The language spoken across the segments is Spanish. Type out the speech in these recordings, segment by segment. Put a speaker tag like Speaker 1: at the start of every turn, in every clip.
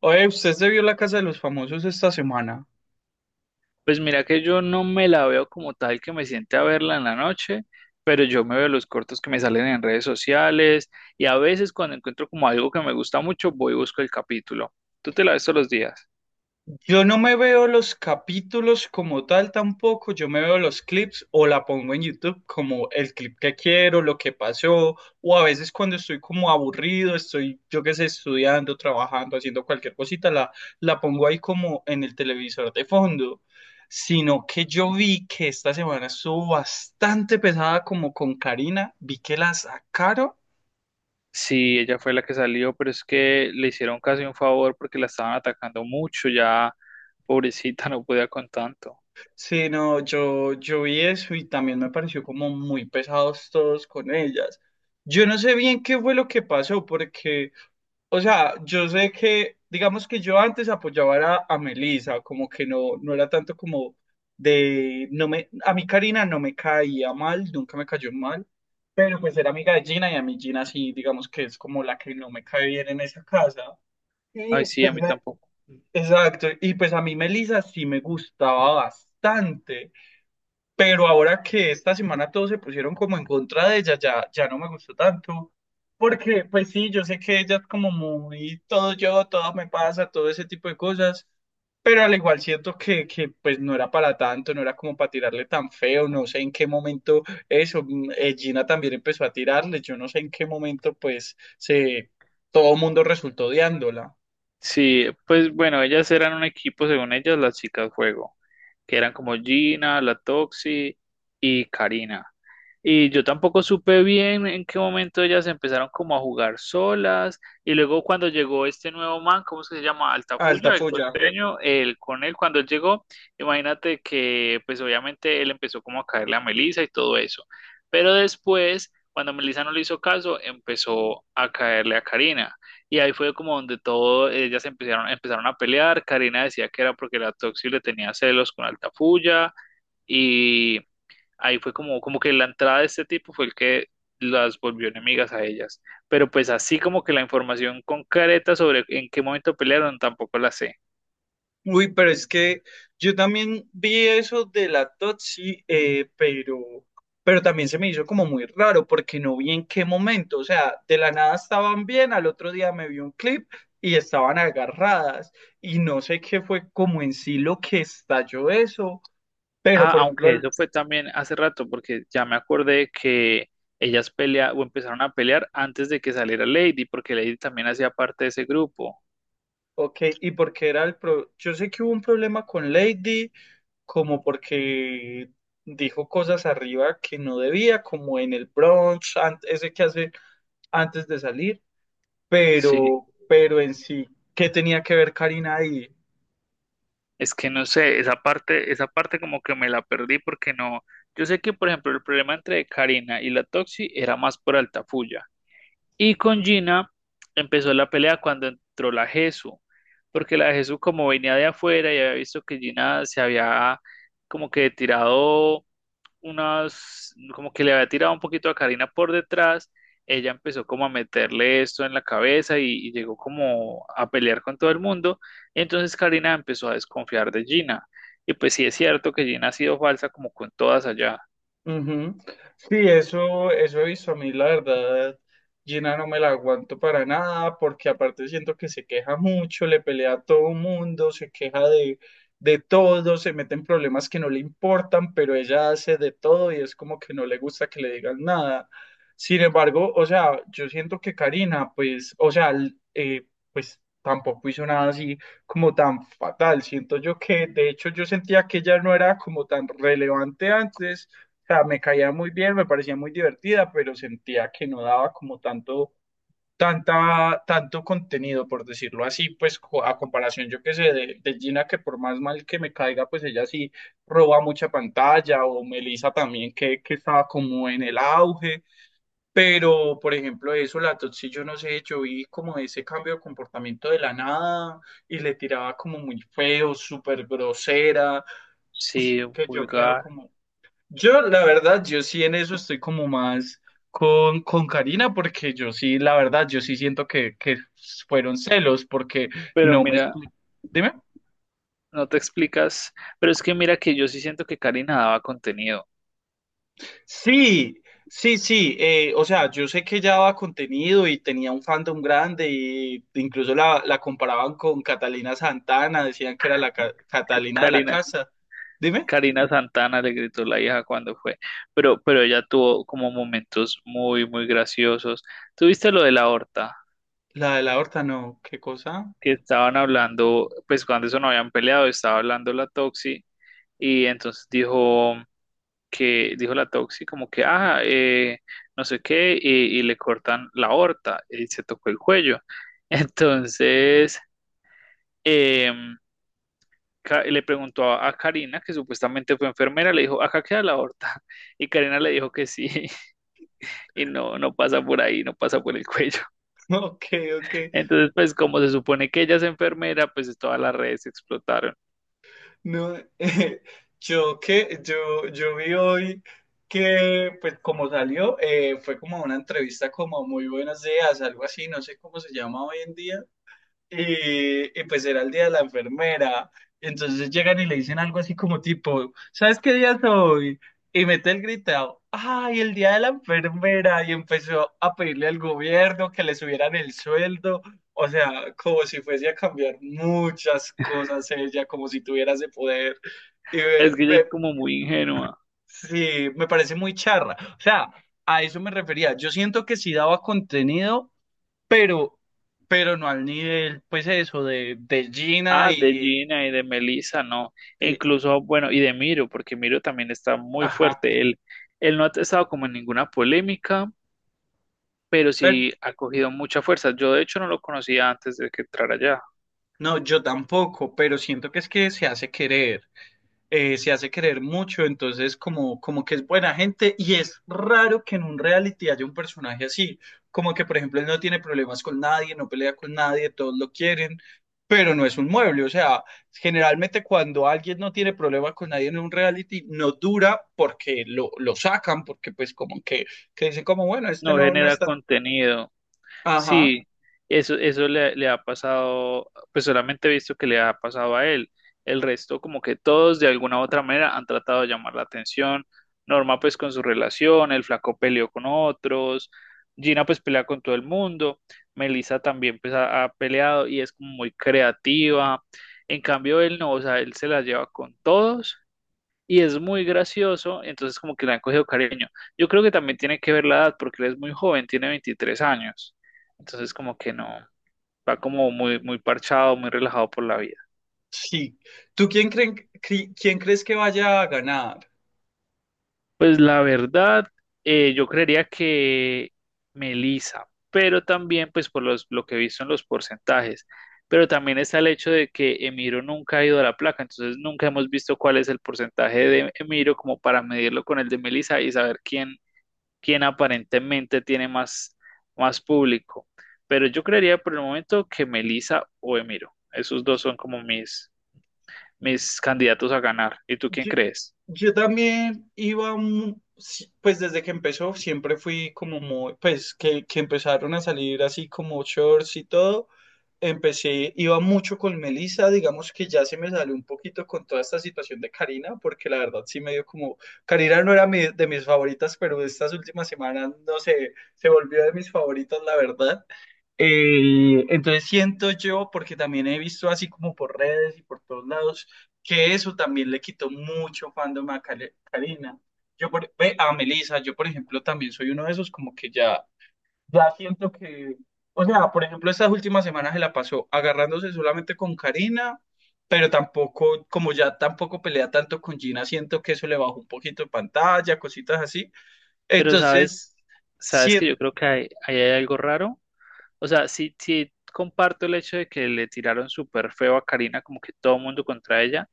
Speaker 1: Oye, usted se vio La Casa de los Famosos esta semana.
Speaker 2: Pues mira que yo no me la veo como tal que me siente a verla en la noche, pero yo me veo los cortos que me salen en redes sociales y a veces cuando encuentro como algo que me gusta mucho, voy y busco el capítulo. ¿Tú te la ves todos los días?
Speaker 1: Yo no me veo los capítulos como tal tampoco, yo me veo los clips o la pongo en YouTube como el clip que quiero, lo que pasó, o a veces cuando estoy como aburrido, estoy, yo qué sé, estudiando, trabajando, haciendo cualquier cosita, la pongo ahí como en el televisor de fondo. Sino que yo vi que esta semana estuvo bastante pesada como con Karina, vi que la sacaron.
Speaker 2: Sí, ella fue la que salió, pero es que le hicieron casi un favor porque la estaban atacando mucho, ya pobrecita no podía con tanto.
Speaker 1: Sí, no, yo vi eso y también me pareció como muy pesados todos con ellas. Yo no sé bien qué fue lo que pasó, porque, o sea, yo sé que, digamos que yo antes apoyaba a Melissa, como que no, no era tanto como de, no me, a mí Karina no me caía mal, nunca me cayó mal, pero pues era amiga de Gina y a mí Gina sí, digamos que es como la que no me cae bien en esa casa.
Speaker 2: Ay,
Speaker 1: Y
Speaker 2: sí, a
Speaker 1: pues,
Speaker 2: mí tampoco.
Speaker 1: exacto, y pues a mí Melissa sí me gustaba bastante. Pero ahora que esta semana todos se pusieron como en contra de ella, ya, ya no me gustó tanto. Porque, pues sí, yo sé que ella es como muy todo yo, todo me pasa, todo ese tipo de cosas. Pero al igual siento que pues no era para tanto, no era como para tirarle tan feo, no sé en qué momento eso, Gina también empezó a tirarle, yo no sé en qué momento pues se, todo el mundo resultó odiándola.
Speaker 2: Sí, pues bueno, ellas eran un equipo, según ellas, las chicas juego. Que eran como Gina, la Toxi y Karina. Y yo tampoco supe bien en qué momento ellas empezaron como a jugar solas. Y luego cuando llegó este nuevo man, ¿cómo se llama?
Speaker 1: Alta
Speaker 2: Altafulla, el
Speaker 1: folla.
Speaker 2: costeño, cuando él llegó, imagínate que pues obviamente él empezó como a caerle a Melissa y todo eso. Pero después, cuando Melissa no le hizo caso, empezó a caerle a Karina. Y ahí fue como donde todo, ellas empezaron a pelear. Karina decía que era porque la Toxi le tenía celos con Altafulla. Y ahí fue como, como que la entrada de este tipo fue el que las volvió enemigas a ellas. Pero pues así como que la información concreta sobre en qué momento pelearon tampoco la sé.
Speaker 1: Uy, pero es que yo también vi eso de la Totsi, pero también se me hizo como muy raro porque no vi en qué momento, o sea, de la nada estaban bien, al otro día me vi un clip y estaban agarradas y no sé qué fue como en sí lo que estalló eso, pero
Speaker 2: Ah,
Speaker 1: por ejemplo,
Speaker 2: aunque eso fue también hace rato, porque ya me acordé que ellas pelea o empezaron a pelear antes de que saliera Lady, porque Lady también hacía parte de ese grupo.
Speaker 1: ok, y porque era el pro, yo sé que hubo un problema con Lady, como porque dijo cosas arriba que no debía, como en el brunch, ese que hace antes de salir,
Speaker 2: Sí.
Speaker 1: pero en sí, ¿qué tenía que ver Karina ahí?
Speaker 2: Es que no sé, esa parte como que me la perdí porque no. Yo sé que, por ejemplo, el problema entre Karina y la Toxi era más por Altafulla. Y con Gina empezó la pelea cuando entró la Jesu, porque la Jesu como venía de afuera y había visto que Gina se había como que tirado unas, como que le había tirado un poquito a Karina por detrás, ella empezó como a meterle esto en la cabeza y llegó como a pelear con todo el mundo, entonces Karina empezó a desconfiar de Gina, y pues sí es cierto que Gina ha sido falsa como con todas allá,
Speaker 1: Ujú. Sí, eso he visto a mí, la verdad. Gina no me la aguanto para nada, porque aparte siento que se queja mucho, le pelea a todo mundo, se queja de todo, se mete en problemas que no le importan, pero ella hace de todo y es como que no le gusta que le digan nada. Sin embargo, o sea, yo siento que Karina, pues, o sea, pues tampoco hizo nada así como tan fatal. Siento yo que, de hecho, yo sentía que ella no era como tan relevante antes sea, me caía muy bien, me parecía muy divertida, pero sentía que no daba como tanto, tanta, tanto contenido, por decirlo así, pues a comparación, yo qué sé, de Gina, que por más mal que me caiga, pues ella sí roba mucha pantalla, o Melissa también, que estaba como en el auge, pero por ejemplo, eso, la Totsi, yo no sé, yo vi como ese cambio de comportamiento de la nada, y le tiraba como muy feo, súper grosera,
Speaker 2: sí,
Speaker 1: que yo quedo
Speaker 2: vulgar,
Speaker 1: como, yo, la verdad, yo sí en eso estoy como más con Karina, porque yo sí, la verdad, yo sí siento que fueron celos, porque
Speaker 2: pero
Speaker 1: no me
Speaker 2: mira,
Speaker 1: expli- Dime.
Speaker 2: no te explicas, pero es que mira que yo sí siento que Karina daba contenido.
Speaker 1: Sí, sí. O sea, yo sé que ella daba contenido y tenía un fandom grande, y incluso la, la comparaban con Catalina Santana, decían que era la Catalina de la
Speaker 2: Karina,
Speaker 1: casa. Dime,
Speaker 2: Karina Santana le gritó la hija cuando fue, pero ella tuvo como momentos muy, muy graciosos. ¿Tuviste lo de la horta?
Speaker 1: la de la horta, no, qué cosa.
Speaker 2: Que estaban hablando, pues cuando eso no habían peleado, estaba hablando la Toxi y entonces dijo que, dijo la Toxi como que, no sé qué, y le cortan la horta y se tocó el cuello. Entonces, em, le preguntó a Karina, que supuestamente fue enfermera, le dijo, acá queda la horta. Y Karina le dijo que sí. Y no, no pasa por ahí, no pasa por el cuello.
Speaker 1: Ok, ok.
Speaker 2: Entonces, pues como se supone que ella es enfermera, pues todas las redes explotaron.
Speaker 1: No, yo que yo vi hoy que pues como salió fue como una entrevista como muy buenos días, algo así, no sé cómo se llama hoy en día, y pues era el día de la enfermera. Entonces llegan y le dicen algo así como tipo, ¿sabes qué día es hoy? Y mete el gritado, ¡ay, el día de la enfermera! Y empezó a pedirle al gobierno que le subieran el sueldo. O sea, como si fuese a cambiar muchas cosas ella, como si tuviera ese poder. Y
Speaker 2: Es que ella es
Speaker 1: me-
Speaker 2: como muy ingenua.
Speaker 1: sí, me parece muy charra. O sea, a eso me refería. Yo siento que si daba contenido pero, pero no al nivel, pues eso, de Gina
Speaker 2: Ah, de
Speaker 1: y
Speaker 2: Gina y de Melissa, no. E
Speaker 1: de,
Speaker 2: incluso, bueno, y de Miro, porque Miro también está muy
Speaker 1: ajá,
Speaker 2: fuerte. Él no ha estado como en ninguna polémica, pero
Speaker 1: pero,
Speaker 2: sí ha cogido mucha fuerza. Yo de hecho no lo conocía antes de que entrara allá.
Speaker 1: no, yo tampoco, pero siento que es que se hace querer. Se hace querer mucho, entonces como, como que es buena gente y es raro que en un reality haya un personaje así, como que por ejemplo él no tiene problemas con nadie, no pelea con nadie, todos lo quieren, pero no es un mueble, o sea, generalmente cuando alguien no tiene problemas con nadie en un reality, no dura porque lo sacan, porque pues como que dicen como, bueno, este
Speaker 2: No
Speaker 1: no, no
Speaker 2: genera
Speaker 1: es tan...
Speaker 2: contenido.
Speaker 1: Ajá,
Speaker 2: Sí, eso le ha pasado, pues solamente he visto que le ha pasado a él. El resto, como que todos de alguna u otra manera han tratado de llamar la atención. Norma, pues con su relación, el flaco peleó con otros, Gina, pues pelea con todo el mundo, Melissa también, pues ha peleado y es como muy creativa. En cambio, él no, o sea, él se la lleva con todos y es muy gracioso, entonces como que le han cogido cariño. Yo creo que también tiene que ver la edad, porque él es muy joven, tiene 23 años, entonces como que no, va como muy, muy parchado, muy relajado por la vida.
Speaker 1: sí. ¿Tú quién, creen, quién crees que vaya a ganar?
Speaker 2: Pues la verdad, yo creería que Melissa, pero también pues por los, lo que he visto en los porcentajes, pero también está el hecho de que Emiro nunca ha ido a la placa, entonces nunca hemos visto cuál es el porcentaje de Emiro como para medirlo con el de Melissa y saber quién quien aparentemente tiene más, más público. Pero yo creería por el momento que Melissa o Emiro. Esos dos son como mis, mis candidatos a ganar. ¿Y tú quién
Speaker 1: Yo,
Speaker 2: crees?
Speaker 1: yo también iba, pues desde que empezó, siempre fui como muy, pues que empezaron a salir así como shorts y todo, empecé, iba mucho con Melissa, digamos que ya se me salió un poquito con toda esta situación de Karina, porque la verdad sí me dio como, Karina no era de mis favoritas, pero estas últimas semanas, no sé, se volvió de mis favoritas, la verdad. Entonces siento yo, porque también he visto así como por redes y por todos lados, que eso también le quitó mucho fandom a Karina. Yo por, ve, a Melissa, yo por ejemplo también soy uno de esos como que ya, ya siento que, o sea, por ejemplo estas últimas semanas se la pasó agarrándose solamente con Karina, pero tampoco, como ya tampoco pelea tanto con Gina, siento que eso le bajó un poquito de pantalla, cositas así.
Speaker 2: Pero sabes,
Speaker 1: Entonces...
Speaker 2: sabes que yo creo que ahí hay algo raro. O sea, sí, sí comparto el hecho de que le tiraron súper feo a Karina, como que todo el mundo contra ella,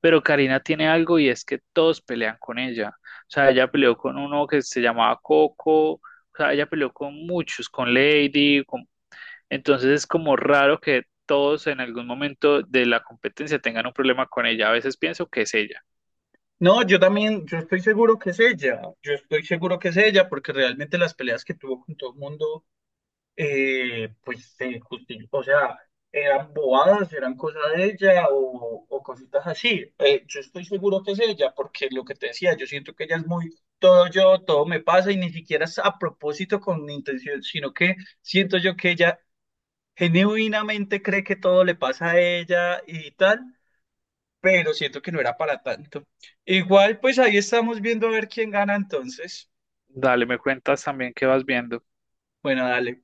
Speaker 2: pero Karina tiene algo y es que todos pelean con ella. O sea, ella peleó con uno que se llamaba Coco, o sea, ella peleó con muchos, con Lady, con. Entonces es como raro que todos en algún momento de la competencia tengan un problema con ella. A veces pienso que es ella.
Speaker 1: No, yo también, yo estoy seguro que es ella, yo estoy seguro que es ella, porque realmente las peleas que tuvo con todo el mundo, pues o sea, eran bobadas, eran cosas de ella o cositas así. Yo estoy seguro que es ella, porque lo que te decía, yo siento que ella es muy todo yo, todo me pasa y ni siquiera es a propósito con intención, sino que siento yo que ella genuinamente cree que todo le pasa a ella y tal pero siento que no era para tanto. Igual, pues ahí estamos viendo a ver quién gana entonces.
Speaker 2: Dale, me cuentas también qué vas viendo.
Speaker 1: Bueno, dale.